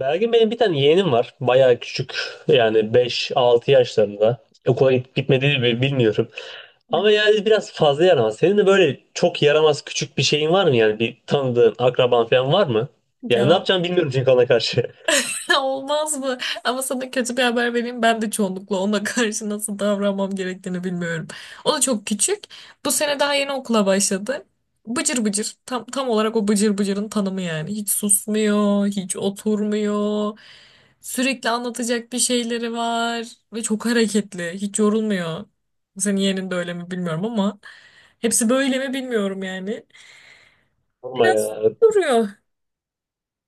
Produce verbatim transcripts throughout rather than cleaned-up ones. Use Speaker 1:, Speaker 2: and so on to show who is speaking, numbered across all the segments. Speaker 1: Belgin benim bir tane yeğenim var. Bayağı küçük. Yani beş-altı yaşlarında. Okula git- gitmediğini bi- bilmiyorum. Ama yani biraz fazla yaramaz. Senin de böyle çok yaramaz küçük bir şeyin var mı? Yani bir tanıdığın, akraban falan var mı? Yani ne
Speaker 2: Ya
Speaker 1: yapacağımı bilmiyorum çünkü ona karşı.
Speaker 2: olmaz mı? Ama sana kötü bir haber vereyim. Ben de çoğunlukla ona karşı nasıl davranmam gerektiğini bilmiyorum. O da çok küçük. Bu sene daha yeni okula başladı. Bıcır bıcır. Tam, tam olarak o bıcır bıcırın tanımı yani. Hiç susmuyor, hiç oturmuyor. Sürekli anlatacak bir şeyleri var. Ve çok hareketli. Hiç yorulmuyor. Senin yeğenin de öyle mi bilmiyorum ama. Hepsi böyle mi bilmiyorum yani.
Speaker 1: Sorma
Speaker 2: Biraz
Speaker 1: ya.
Speaker 2: duruyor.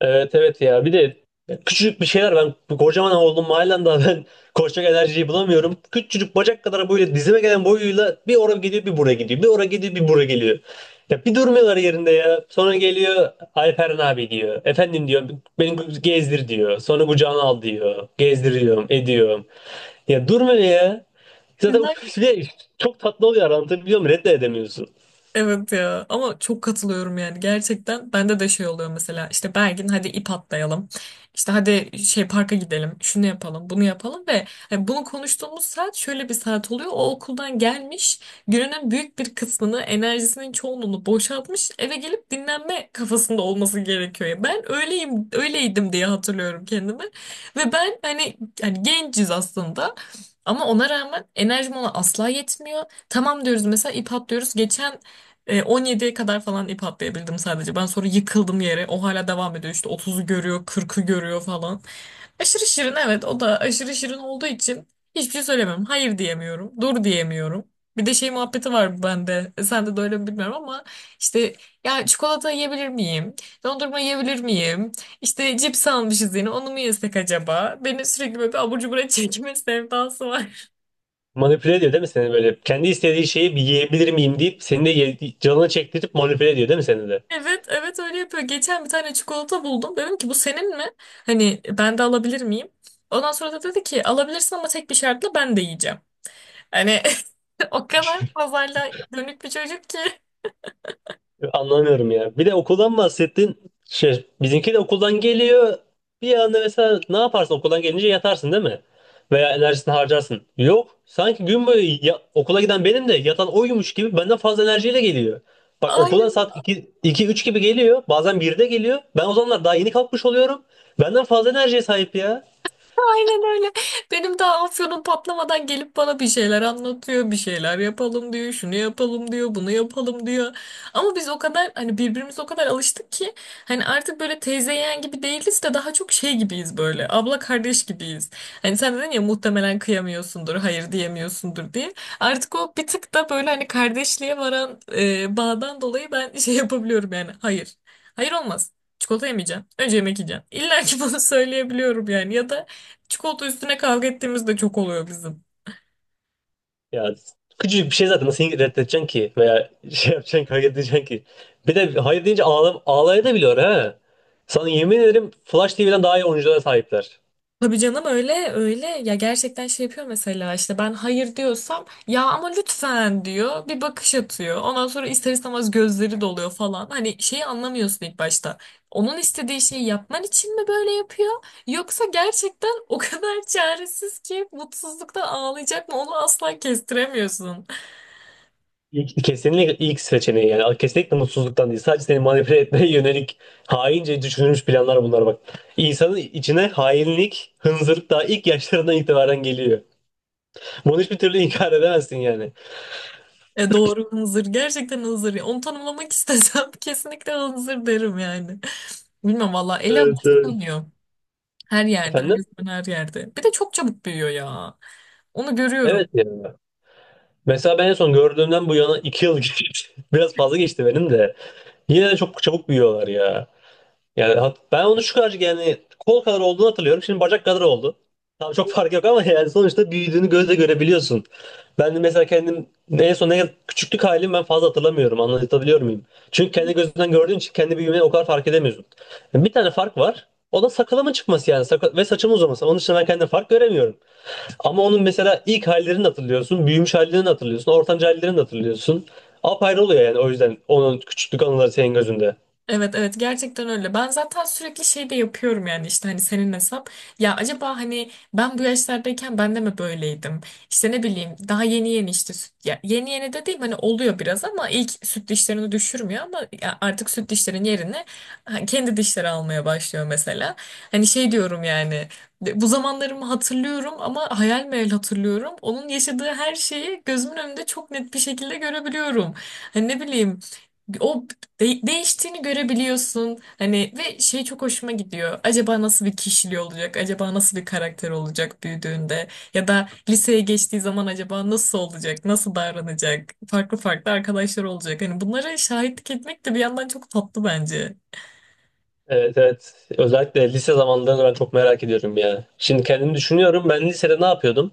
Speaker 1: Evet, evet, ya bir de küçücük bir şeyler, ben kocaman oldum halen daha ben koşacak enerjiyi bulamıyorum. Küçücük bacak kadar böyle dizime gelen boyuyla bir oraya gidiyor, bir buraya gidiyor, bir oraya gidiyor, bir buraya geliyor. Ya bir durmuyorlar yerinde, ya sonra geliyor, Alperen abi diyor, efendim diyor, beni gezdir diyor, sonra kucağına al diyor, gezdiriyorum ediyorum. Ya durmuyor ya zaten. Bir de çok tatlı oluyor, anlatabiliyor muyum, reddedemiyorsun.
Speaker 2: Evet ya, ama çok katılıyorum yani, gerçekten bende de şey oluyor mesela, işte Bergin hadi ip atlayalım, işte hadi şey parka gidelim, şunu yapalım bunu yapalım. Ve hani bunu konuştuğumuz saat şöyle bir saat oluyor, o okuldan gelmiş, gününün büyük bir kısmını, enerjisinin çoğunluğunu boşaltmış, eve gelip dinlenme kafasında olması gerekiyor. Ya ben öyleyim, öyleydim diye hatırlıyorum kendimi. Ve ben hani, hani genciz aslında, ama ona rağmen enerjim ona asla yetmiyor. Tamam diyoruz mesela, ip atlıyoruz. Geçen e, on yediye kadar falan ip atlayabildim sadece. Ben sonra yıkıldım yere. O hala devam ediyor. İşte otuzu görüyor, kırkı görüyor falan. Aşırı şirin, evet. O da aşırı şirin olduğu için hiçbir şey söylemiyorum. Hayır diyemiyorum. Dur diyemiyorum. Bir de şey muhabbeti var bende. Sende de öyle mi bilmiyorum ama işte, ya çikolata yiyebilir miyim? Dondurma yiyebilir miyim? İşte cips almışız yine. Onu mu yesek acaba? Beni sürekli böyle bir abur cubura çekme sevdası var.
Speaker 1: Manipüle ediyor değil mi seni böyle? Kendi istediği şeyi bir yiyebilir miyim deyip seni de ye- canını çektirip manipüle ediyor değil mi seni de?
Speaker 2: Evet, evet öyle yapıyor. Geçen bir tane çikolata buldum. Dedim ki bu senin mi? Hani ben de alabilir miyim? Ondan sonra da dedi ki alabilirsin ama tek bir şartla, ben de yiyeceğim. Hani o kadar pazarla dönük bir çocuk ki.
Speaker 1: Anlamıyorum ya. Bir de okuldan bahsettin. Şey, bizimki de okuldan geliyor. Bir anda mesela ne yaparsın, okuldan gelince yatarsın değil mi? Veya enerjisini harcarsın. Yok. Sanki gün boyu ya- okula giden benim de yatan oymuş gibi benden fazla enerjiyle geliyor. Bak okula saat iki üç gibi geliyor. Bazen birde geliyor. Ben o zamanlar daha yeni kalkmış oluyorum. Benden fazla enerjiye sahip ya.
Speaker 2: Aynen öyle. Benim daha afyonum patlamadan gelip bana bir şeyler anlatıyor, bir şeyler yapalım diyor, şunu yapalım diyor, bunu yapalım diyor. Ama biz o kadar, hani birbirimize o kadar alıştık ki hani artık böyle teyze yeğen gibi değiliz de daha çok şey gibiyiz, böyle abla kardeş gibiyiz. Hani sen dedin ya muhtemelen kıyamıyorsundur, hayır diyemiyorsundur diye. Artık o bir tık da böyle hani kardeşliğe varan e, bağdan dolayı ben şey yapabiliyorum yani. Hayır. Hayır olmaz. Çikolata yemeyeceğim. Önce yemek yiyeceğim. İlla ki bunu söyleyebiliyorum yani. Ya da çikolata üstüne kavga ettiğimiz de çok oluyor bizim.
Speaker 1: Ya küçücük bir şey zaten nasıl reddedeceksin ki, veya şey yapacaksın, kavga edeceksin ki. Bir de hayır deyince ağla, ağlayabiliyor ha. Sana yemin ederim Flash T V'den daha iyi oyunculara sahipler.
Speaker 2: Tabii canım, öyle öyle ya, gerçekten şey yapıyor mesela, işte ben hayır diyorsam, ya ama lütfen diyor, bir bakış atıyor. Ondan sonra ister istemez gözleri doluyor falan. Hani şeyi anlamıyorsun ilk başta, onun istediği şeyi yapman için mi böyle yapıyor, yoksa gerçekten o kadar çaresiz ki mutsuzluktan ağlayacak mı, onu asla kestiremiyorsun.
Speaker 1: İlk, kesinlikle ilk seçeneği yani, kesinlikle mutsuzluktan değil. Sadece seni manipüle etmeye yönelik haince düşünülmüş planlar bunlar bak. İnsanın içine hainlik, hınzırlık daha ilk yaşlarından itibaren geliyor. Bunu hiçbir türlü inkar edemezsin yani.
Speaker 2: E doğru, hınzır, gerçekten hınzır. Onu tanımlamak istesem kesinlikle hınzır derim yani. Bilmem valla, ele
Speaker 1: Evet, evet.
Speaker 2: alışılmıyor. Her yerde, her
Speaker 1: Efendim?
Speaker 2: zaman, her yerde. Bir de çok çabuk büyüyor ya. Onu görüyorum.
Speaker 1: Evet ya. Mesela ben en son gördüğümden bu yana iki yıl geçti. Biraz fazla geçti benim de. Yine de çok çabuk büyüyorlar ya. Yani hat- ben onu şu kadar yani kol kadar olduğunu hatırlıyorum. Şimdi bacak kadar oldu. Tamam çok fark yok ama yani sonuçta büyüdüğünü gözle görebiliyorsun. Ben de mesela kendim en son ne küçüklük halimi ben fazla hatırlamıyorum. Anlatabiliyor muyum? Çünkü kendi gözünden gördüğün için kendi büyümeni o kadar fark edemiyorsun. Bir tane fark var. O da sakalımın çıkması yani. Sakal ve saçımın uzaması. Onun dışında ben kendim fark göremiyorum. Ama onun mesela ilk hallerini hatırlıyorsun, büyümüş hallerini hatırlıyorsun, ortanca hallerini hatırlıyorsun. Apayrı oluyor yani, o yüzden onun küçüklük anıları senin gözünde.
Speaker 2: Evet, evet, gerçekten öyle. Ben zaten sürekli şey de yapıyorum yani, işte hani senin hesap. Ya acaba hani ben bu yaşlardayken ben de mi böyleydim? İşte ne bileyim, daha yeni yeni işte süt, ya yeni yeni de değil hani, oluyor biraz ama ilk süt dişlerini düşürmüyor ama ya, artık süt dişlerin yerine ha, kendi dişleri almaya başlıyor mesela. Hani şey diyorum yani, de- bu zamanlarımı hatırlıyorum ama hayal meyal hatırlıyorum. Onun yaşadığı her şeyi gözümün önünde çok net bir şekilde görebiliyorum. Hani ne bileyim, o de- değiştiğini görebiliyorsun. Hani ve şey çok hoşuma gidiyor. Acaba nasıl bir kişiliği olacak? Acaba nasıl bir karakter olacak büyüdüğünde? Ya da liseye geçtiği zaman acaba nasıl olacak? Nasıl davranacak? Farklı farklı arkadaşlar olacak. Hani bunlara şahitlik etmek de bir yandan çok tatlı bence.
Speaker 1: Evet, evet. Özellikle lise zamanlarını ben çok merak ediyorum ya. Şimdi kendimi düşünüyorum. Ben lisede ne yapıyordum?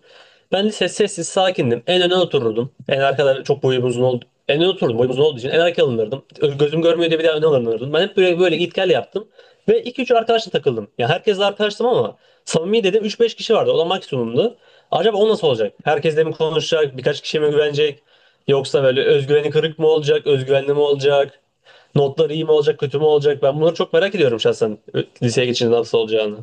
Speaker 1: Ben lise sessiz sakindim. En öne otururdum. En arkada çok boyum uzun oldu. En öne oturdum, boyum uzun olduğu için en arkaya alınırdım. Gözüm görmüyor diye bir daha öne alınırdım. Ben hep böyle böyle git gel yaptım. Ve iki üç arkadaşla takıldım. Ya herkesle arkadaştım ama samimi dedim üç beş kişi vardı. O da maksimumdu. Acaba o nasıl olacak? Herkesle mi konuşacak? Birkaç kişiye mi güvenecek? Yoksa böyle özgüveni kırık mı olacak? Özgüvenli mi olacak? Notlar iyi mi olacak, kötü mü olacak? Ben bunları çok merak ediyorum şahsen, liseye geçince nasıl olacağını.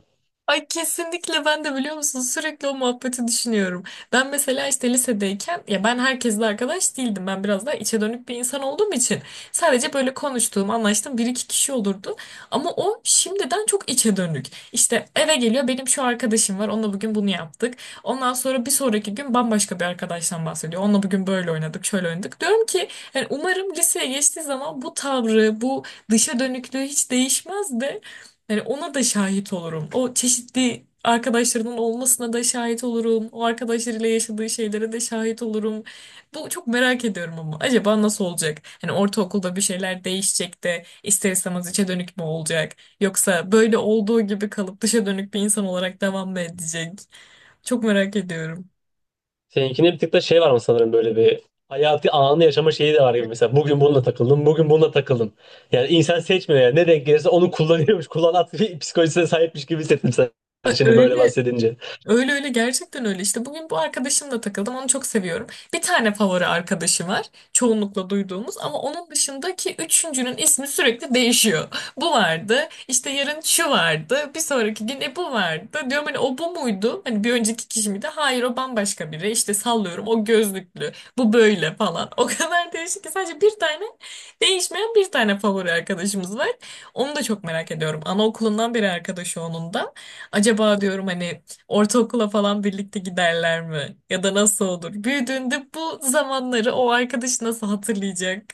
Speaker 2: Ay kesinlikle, ben de biliyor musun sürekli o muhabbeti düşünüyorum. Ben mesela işte lisedeyken, ya ben herkesle arkadaş değildim. Ben biraz daha içe dönük bir insan olduğum için sadece böyle konuştuğum, anlaştığım bir iki kişi olurdu. Ama o şimdiden çok içe dönük. İşte eve geliyor, benim şu arkadaşım var, onunla bugün bunu yaptık. Ondan sonra bir sonraki gün bambaşka bir arkadaştan bahsediyor. Onunla bugün böyle oynadık, şöyle oynadık. Diyorum ki yani umarım liseye geçtiği zaman bu tavrı, bu dışa dönüklüğü hiç değişmez de yani ona da şahit olurum. O çeşitli arkadaşlarının olmasına da şahit olurum. O arkadaşlarıyla yaşadığı şeylere de şahit olurum. Bu çok merak ediyorum, ama acaba nasıl olacak? Hani ortaokulda bir şeyler değişecek de ister istemez içe dönük mü olacak? Yoksa böyle olduğu gibi kalıp dışa dönük bir insan olarak devam mı edecek? Çok merak ediyorum.
Speaker 1: Seninkinde bir tık da şey var mı, sanırım böyle bir hayatı anı yaşama şeyi de var gibi, mesela bugün bununla takıldım, bugün bununla takıldım. Yani insan seçmiyor yani, ne denk gelirse onu kullanıyormuş, kullanat bir psikolojisine sahipmiş gibi hissettim sen
Speaker 2: Ö-
Speaker 1: şimdi böyle
Speaker 2: Öyle
Speaker 1: bahsedince.
Speaker 2: Öyle öyle gerçekten öyle. İşte bugün bu arkadaşımla takıldım. Onu çok seviyorum. Bir tane favori arkadaşı var. Çoğunlukla duyduğumuz, ama onun dışındaki üçüncünün ismi sürekli değişiyor. Bu vardı. İşte yarın şu vardı. Bir sonraki gün e bu vardı. Diyorum hani o bu muydu? Hani bir önceki kişi miydi? Hayır, o bambaşka biri. İşte sallıyorum, o gözlüklü. Bu böyle falan. O kadar değişik ki, sadece bir tane değişmeyen, bir tane favori arkadaşımız var. Onu da çok merak ediyorum. Anaokulundan beri arkadaşı onun da. Acaba diyorum hani ortaokula falan birlikte giderler mi? Ya da nasıl olur? Büyüdüğünde bu zamanları o arkadaş nasıl hatırlayacak?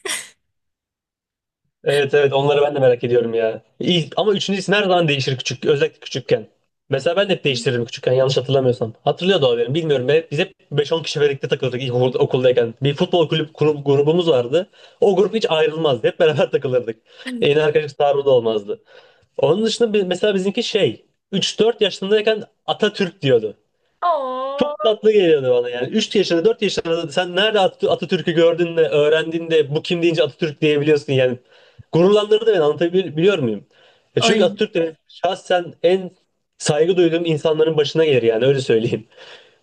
Speaker 1: Evet, evet, onları ben de merak ediyorum ya. İlk, ama üçüncü isim her zaman değişir küçük, özellikle küçükken. Mesela ben de hep değiştiririm küçükken yanlış hatırlamıyorsam. Hatırlıyor da olabilirim, bilmiyorum. Be biz hep beş on kişi birlikte takılırdık ilk okul- okuldayken. Bir futbol kulüp grup, grubumuz vardı. O grup hiç ayrılmazdı. Hep beraber takılırdık. En arkadaş taarruğu olmazdı. Onun dışında bi- mesela bizimki şey üç dört yaşındayken Atatürk diyordu.
Speaker 2: Oo.
Speaker 1: Çok tatlı geliyordu bana yani. Üç yaşında dört yaşında da sen nerede At- Atatürk'ü gördün de öğrendin de bu kim deyince Atatürk diyebiliyorsun yani. Gururlandırdı beni, anlatabiliyor muyum? Ya çünkü
Speaker 2: Ay
Speaker 1: Atatürk de şahsen en saygı duyduğum insanların başına gelir yani, öyle söyleyeyim.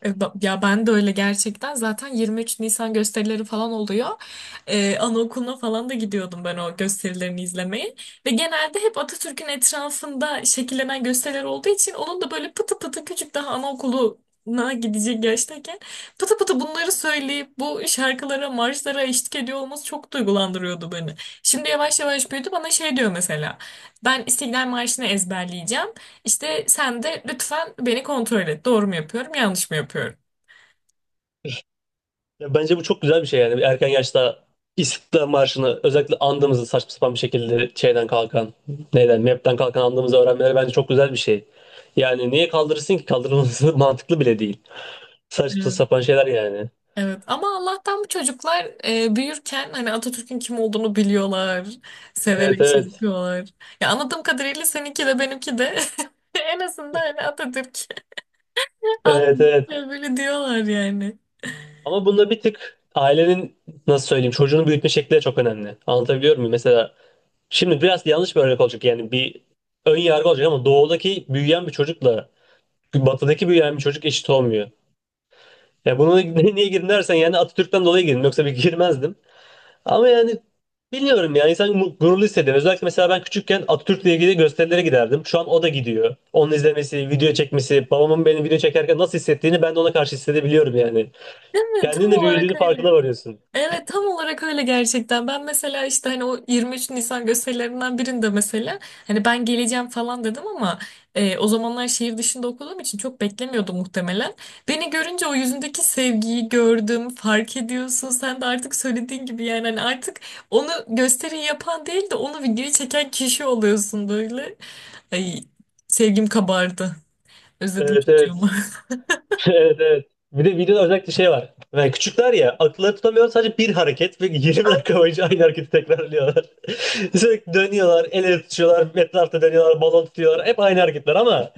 Speaker 2: E, ba- ya ben de öyle gerçekten. Zaten yirmi üç Nisan gösterileri falan oluyor. E, anaokuluna falan da gidiyordum ben o gösterilerini izlemeye. Ve genelde hep Atatürk'ün etrafında şekillenen gösteriler olduğu için, onun da böyle pıtı pıtı küçük, daha anaokuluna gidecek yaştayken pıtı pıtı bunları söyleyip bu şarkılara, marşlara eşlik ediyor olması çok duygulandırıyordu beni. Şimdi yavaş yavaş büyüdü, bana şey diyor mesela. Ben İstiklal Marşı'nı ezberleyeceğim. İşte sen de lütfen beni kontrol et. Doğru mu yapıyorum, yanlış mı yapıyorum?
Speaker 1: Ya bence bu çok güzel bir şey yani, erken yaşta İstiklal Marşı'nı, özellikle andığımızı saçma sapan bir şekilde şeyden kalkan, neyden M E P'ten kalkan andığımızı öğrenmeleri bence çok güzel bir şey. Yani niye kaldırırsın ki, kaldırılması mantıklı bile değil. Saçma
Speaker 2: Evet.
Speaker 1: sapan şeyler yani.
Speaker 2: Evet. Ama Allah'tan bu çocuklar e, büyürken hani Atatürk'ün kim olduğunu biliyorlar.
Speaker 1: Evet,
Speaker 2: Severek şey
Speaker 1: evet.
Speaker 2: yapıyorlar. Ya anladığım kadarıyla seninki de benimki de en azından hani Atatürk
Speaker 1: Evet,
Speaker 2: anladım,
Speaker 1: evet.
Speaker 2: böyle diyorlar yani.
Speaker 1: Ama bunda bir tık ailenin nasıl söyleyeyim çocuğunu büyütme şekli de çok önemli. Anlatabiliyor muyum? Mesela şimdi biraz yanlış bir örnek olacak yani, bir ön yargı olacak ama doğudaki büyüyen bir çocukla batıdaki büyüyen bir çocuk eşit olmuyor. Ya bunu niye girdim dersen yani Atatürk'ten dolayı girdim, yoksa bir girmezdim. Ama yani bilmiyorum yani, insan mu- gururlu hissediyor. Özellikle mesela ben küçükken Atatürk'le ilgili gösterilere giderdim. Şu an o da gidiyor. Onun izlemesi, video çekmesi, babamın beni video çekerken nasıl hissettiğini ben de ona karşı hissedebiliyorum yani.
Speaker 2: Değil mi? Tam
Speaker 1: Kendin de
Speaker 2: olarak
Speaker 1: büyüdüğünü
Speaker 2: öyle.
Speaker 1: farkına varıyorsun.
Speaker 2: Evet, tam olarak öyle gerçekten. Ben mesela işte hani o yirmi üç Nisan gösterilerinden birinde mesela hani ben geleceğim falan dedim ama e, o zamanlar şehir dışında okuduğum için çok beklemiyordum muhtemelen. Beni görünce o yüzündeki sevgiyi gördüm, fark ediyorsun. Sen de artık söylediğin gibi yani, hani artık onu gösteri yapan değil de onu videoyu çeken kişi oluyorsun böyle. Ay sevgim kabardı. Özledim
Speaker 1: Evet, evet.
Speaker 2: çocuğumu.
Speaker 1: Evet, evet. Bir de videoda özellikle şey var. Yani küçükler ya akılları tutamıyor, sadece bir hareket ve yirmi dakika boyunca aynı hareketi tekrarlıyorlar. Sürekli dönüyorlar, el ele tutuyorlar, etrafta dönüyorlar, balon tutuyorlar. Hep aynı hareketler ama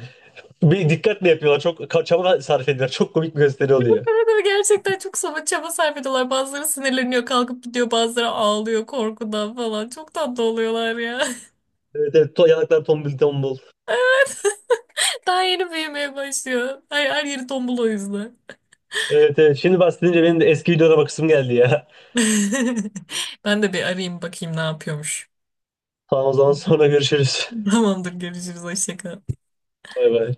Speaker 1: bir dikkatle yapıyorlar. Çok ka- çaba sarf ediyorlar. Çok komik bir gösteri
Speaker 2: Evet,
Speaker 1: oluyor.
Speaker 2: evet, gerçekten çok saba çaba sarf ediyorlar. Bazıları sinirleniyor, kalkıp gidiyor. Bazıları ağlıyor korkudan falan. Çok tatlı oluyorlar ya.
Speaker 1: Evet, evet. To yanaklar tombul tombul.
Speaker 2: Daha yeni büyümeye başlıyor. Her, her yeri tombul o yüzden.
Speaker 1: Evet, evet. Şimdi bahsedince benim de eski videolara bakısım geldi ya.
Speaker 2: Ben de bir arayayım, bakayım ne yapıyormuş.
Speaker 1: Tamam, o zaman sonra görüşürüz.
Speaker 2: Tamamdır, görüşürüz. Hoşça kal.
Speaker 1: Bay bay.